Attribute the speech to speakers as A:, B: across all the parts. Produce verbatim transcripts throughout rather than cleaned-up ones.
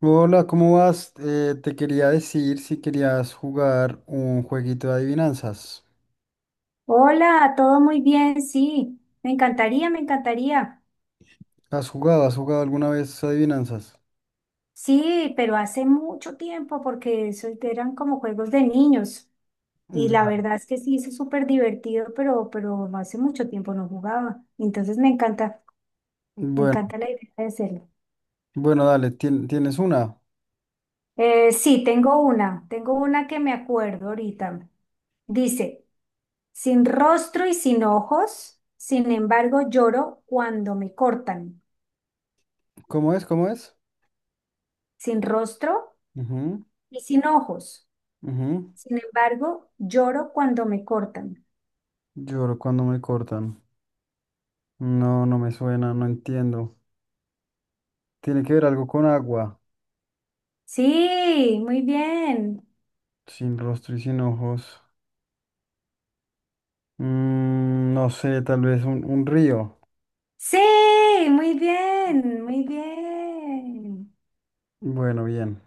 A: Hola, ¿cómo vas? Eh, te quería decir si querías jugar un jueguito de adivinanzas.
B: Hola, todo muy bien, sí. Me encantaría, me encantaría.
A: ¿Has jugado? ¿Has jugado alguna vez adivinanzas?
B: Sí, pero hace mucho tiempo porque eso eran como juegos de niños. Y la
A: Ya.
B: verdad es que sí, es súper divertido, pero, pero hace mucho tiempo no jugaba. Entonces me encanta, me
A: Bueno,
B: encanta la idea de hacerlo.
A: bueno, dale, tien- tienes una.
B: Eh, sí, tengo una, tengo una que me acuerdo ahorita. Dice, sin rostro y sin ojos, sin embargo lloro cuando me cortan.
A: ¿Cómo es? ¿Cómo es?
B: Sin rostro
A: Ujú,
B: y sin ojos.
A: ujú.
B: Sin embargo, lloro cuando me cortan.
A: Lloro cuando me cortan. No, no me suena, no entiendo. Tiene que ver algo con agua,
B: Sí, muy bien.
A: sin rostro y sin ojos. Mm, no sé, tal vez un, un río.
B: Sí, muy bien, muy bien.
A: Bueno, bien.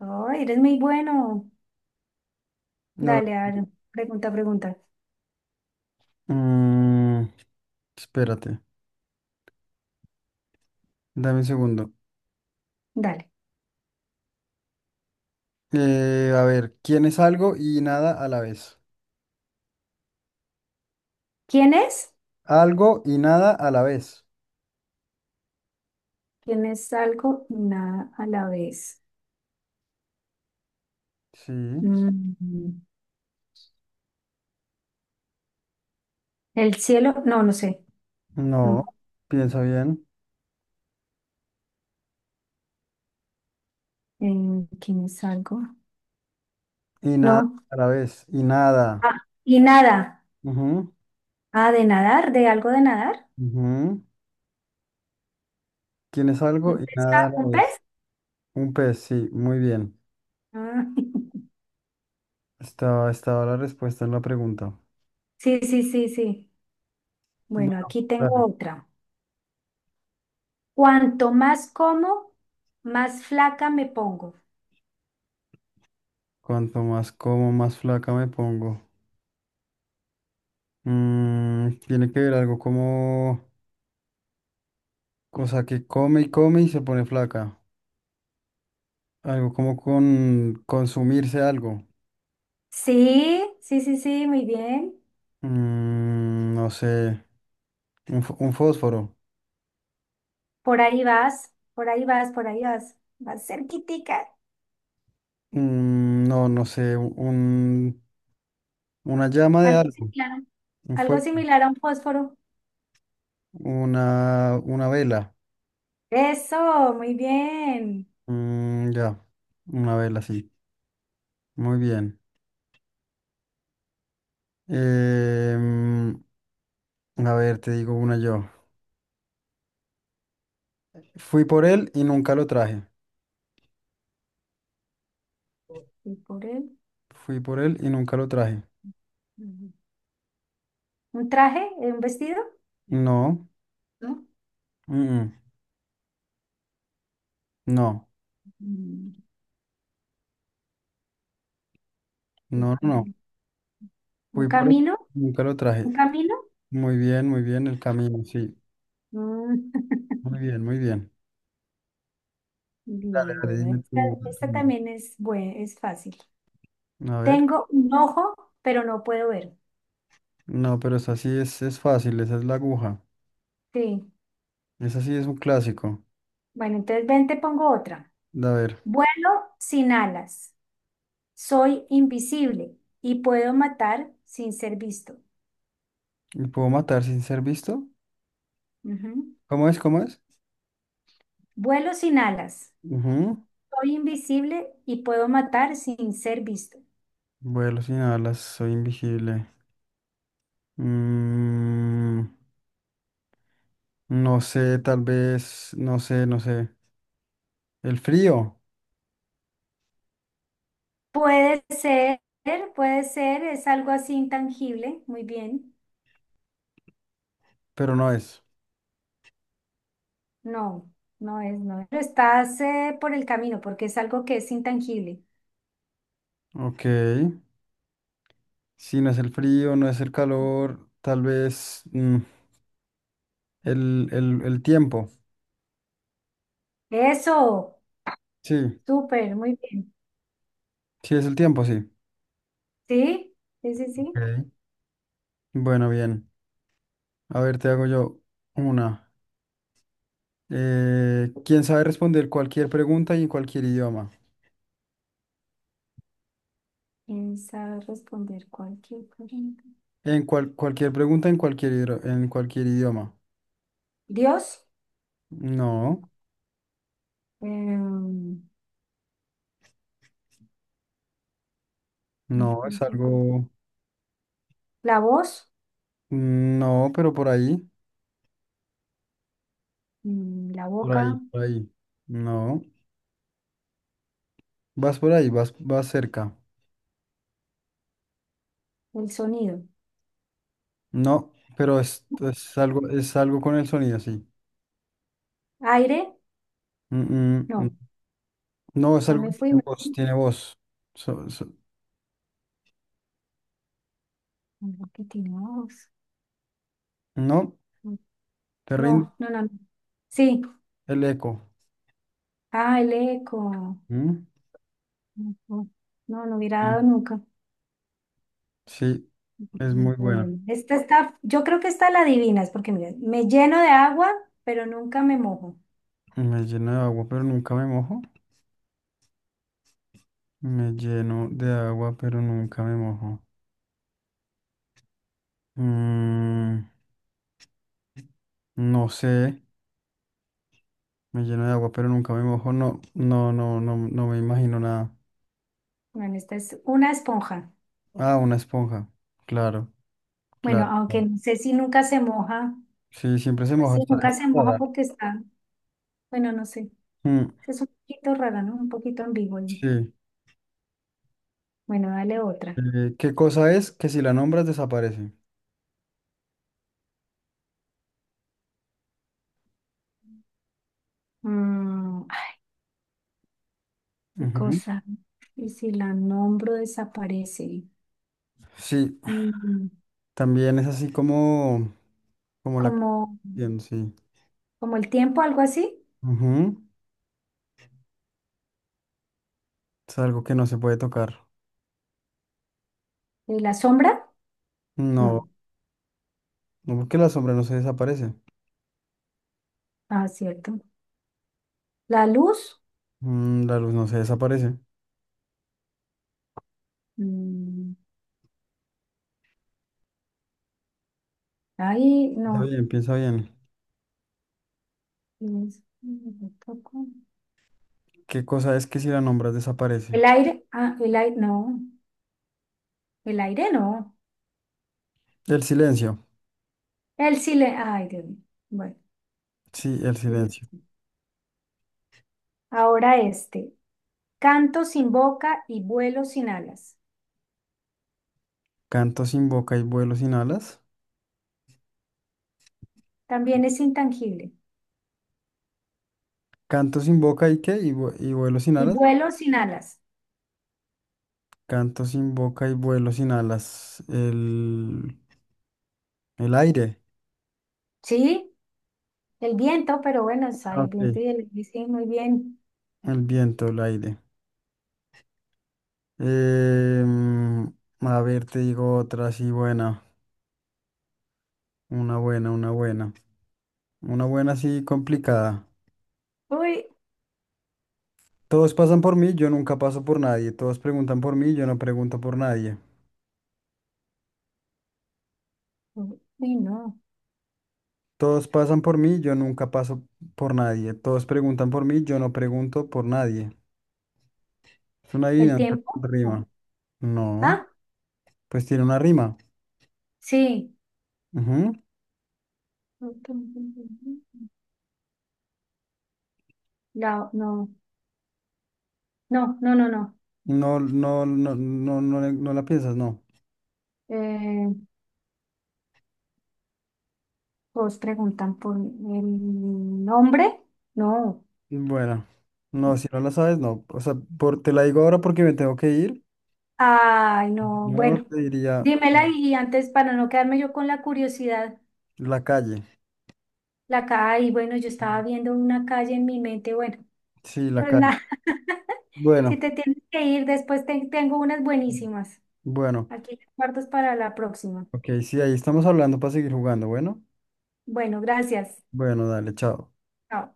B: Oh, eres muy bueno.
A: Ahora,
B: Dale, a ver, pregunta, pregunta.
A: mm, espérate, dame un segundo.
B: Dale.
A: Eh, a ver, ¿quién es algo y nada a la vez?
B: ¿Quién es?
A: Algo y nada a la vez.
B: ¿Quién es algo y nada a la vez?
A: Sí,
B: Mm, El cielo, no, no sé.
A: no,
B: No.
A: piensa bien.
B: Eh, ¿quién es algo?
A: Y nada
B: No.
A: a la vez, y nada.
B: Ah, y nada.
A: Ujú,
B: Ah, de nadar, de algo de nadar.
A: ujú. ¿Quién es algo
B: ¿Un
A: y
B: pez?
A: nada a
B: Ah,
A: la
B: ¿un
A: vez?
B: pez?
A: Un pez, sí, muy bien.
B: Ah,
A: Estaba, estaba la respuesta en la pregunta.
B: Sí, sí, sí, sí.
A: Bueno,
B: Bueno, aquí tengo
A: dale.
B: otra. Cuanto más como, más flaca me pongo.
A: Cuanto más como, más flaca me pongo. Mm, tiene que ver algo como, cosa que come y come y se pone flaca. Algo como con consumirse algo.
B: Sí, sí, sí, sí, muy bien.
A: Mm, no sé, un, fo- un fósforo.
B: Por ahí vas, por ahí vas, por ahí vas. Vas cerquitica.
A: Mm, no, no sé, un, una llama de
B: Algo
A: algo,
B: similar,
A: un
B: algo
A: fuego,
B: similar a un fósforo.
A: una, una vela.
B: Eso, muy bien.
A: Mm, ya, una vela, sí. Muy bien. Em, a ver, te digo una yo. Fui por él y nunca lo traje.
B: Y por él.
A: Fui por él y nunca lo traje.
B: mm, ¿Un traje? eh, ¿Un vestido?
A: No,
B: ¿No?
A: mm, mm, no,
B: Mm, y
A: no, no,
B: por
A: no.
B: él. ¿Un
A: Fui por él
B: camino?
A: y nunca lo traje.
B: ¿Un camino?
A: Muy bien, muy bien el camino, sí.
B: Mm,
A: Muy bien, muy bien. Dale,
B: Bien,
A: dale,
B: bueno,
A: dime
B: esta,
A: tú. tú
B: esta
A: una.
B: también es, bue- es fácil.
A: A ver.
B: Tengo un ojo, pero no puedo ver.
A: No, pero esa sí es, es fácil, esa es la aguja.
B: Sí.
A: Esa sí es un clásico.
B: Bueno, entonces ven, te pongo otra.
A: A ver,
B: Vuelo sin alas. Soy invisible y puedo matar sin ser visto.
A: ¿me puedo matar sin ser visto?
B: Ujú.
A: ¿Cómo es? ¿Cómo es?
B: Vuelo sin alas.
A: Ujú.
B: Soy invisible y puedo matar sin ser visto.
A: Vuelo sin alas, soy invisible. Mm, no sé, tal vez, no sé, no sé. El frío,
B: Puede ser, puede ser, es algo así intangible. Muy bien.
A: pero no es.
B: No, no es, no es. Pero estás eh, por el camino porque es algo que es intangible.
A: Ok. Si no es el frío, no es el calor, tal vez mm, el, el el tiempo.
B: Eso,
A: Sí,
B: súper, muy bien.
A: sí es el tiempo, sí.
B: Sí, sí, sí, sí.
A: Ok. Bueno, bien. A ver, te hago yo una. Eh, ¿quién sabe responder cualquier pregunta y en cualquier idioma?
B: Pensar, responder cualquier pregunta.
A: En cual- cualquier pregunta en cualquier, hidro- en cualquier idioma.
B: Dios,
A: No,
B: em,
A: no, es algo...
B: la voz,
A: No, pero por ahí,
B: mm, la
A: por ahí,
B: boca,
A: por ahí. No, vas por ahí, vas, vas cerca.
B: el sonido.
A: No, pero es, es algo, es algo con el sonido, sí.
B: Aire,
A: Mm, mm,
B: no,
A: mm. No, es
B: ya
A: algo
B: me
A: que
B: fui.
A: tiene
B: me-
A: voz, tiene voz. So- so-
B: Algo que tiene voz.
A: no. ¿Te rindo.
B: No, no, no, no. Sí,
A: El eco.
B: ah, el eco.
A: ¿Mm?
B: Ujú. No, no hubiera
A: Mm.
B: dado nunca.
A: Sí, es muy bueno.
B: Bueno, esta está, yo creo que esta la adivinas, porque mira, me lleno de agua, pero nunca me mojo.
A: Me lleno de agua, pero nunca me mojo. Me lleno de agua, pero nunca me mojo. Mm, no sé. Me lleno de agua, pero nunca me mojo. No, no, no, no, no me imagino nada.
B: Bueno, esta es una esponja.
A: Ah, una esponja. Claro,
B: Bueno,
A: claro.
B: aunque
A: claro.
B: no sé si nunca se moja,
A: Sí, siempre se
B: pues
A: moja.
B: sí,
A: Hasta
B: nunca se
A: esta
B: moja
A: rara.
B: porque está, bueno, no sé,
A: Mm,
B: es un poquito rara, ¿no? Un poquito ambigua.
A: sí.
B: Bueno, dale otra.
A: Eh, ¿qué cosa es que si la nombras desaparece?
B: Mm, ay, qué
A: Ujú.
B: cosa. Y si la nombro desaparece.
A: Sí,
B: Mm,
A: también es así como, como la... que-
B: como,
A: Sí.
B: como el tiempo, algo así.
A: Ujú, es algo que no se puede tocar.
B: ¿Y la sombra?
A: No,
B: No.
A: no porque la sombra no se desaparece.
B: Ah, cierto. La luz.
A: Mm, la luz no se desaparece.
B: Mm, ahí,
A: Está
B: no.
A: bien, piensa bien.
B: Es-
A: ¿Qué cosa es que si la nombras desaparece?
B: ¿El aire? Ah, el aire, no. El aire no.
A: El silencio.
B: Él sí le, ay, Dios mío. Bueno,
A: Sí, el silencio.
B: listo. Ahora este. Canto sin boca y vuelo sin alas.
A: Canto sin boca y vuelo sin alas.
B: También es intangible.
A: Canto sin boca y qué? Y, vue- y vuelo sin
B: Y
A: alas.
B: vuelo sin alas.
A: Canto sin boca y vuelo sin alas. El, el aire.
B: ¿Sí? El viento, pero bueno, es ahí
A: Ah,
B: el viento
A: Ok.
B: y el... y sí, muy bien.
A: El viento, el aire. Em, a ver, te digo otra así buena. Una buena, una buena. Una buena así complicada.
B: Uy,
A: Todos pasan por mí, yo nunca paso por nadie. Todos preguntan por mí, yo no pregunto por nadie.
B: uy, no.
A: Todos pasan por mí, yo nunca paso por nadie. Todos preguntan por mí, yo no pregunto por nadie. Es una
B: ¿El
A: adivinanza con
B: tiempo? No.
A: rima. No,
B: Ah,
A: pues tiene una rima.
B: sí.
A: Ujú.
B: La- no, no, no, no, no.
A: No, no, no, no, no, le- no la piensas, no.
B: Eh, ¿os preguntan por el nombre? No.
A: Bueno, no, si no la sabes, no. O sea, por, te la digo ahora porque me tengo que ir.
B: Ay, no,
A: Yo
B: bueno,
A: te diría
B: dímela y antes para no quedarme yo con la curiosidad,
A: la calle.
B: la calle, y bueno, yo estaba viendo una calle en mi mente, bueno,
A: Sí, la
B: pues
A: calle.
B: nada, si
A: Bueno,
B: te tienes que ir, después te- tengo unas buenísimas.
A: bueno.
B: Aquí guardas para la próxima.
A: Ok, sí, ahí estamos hablando para seguir jugando. Bueno,
B: Bueno, gracias.
A: bueno, dale, chao.
B: Chao.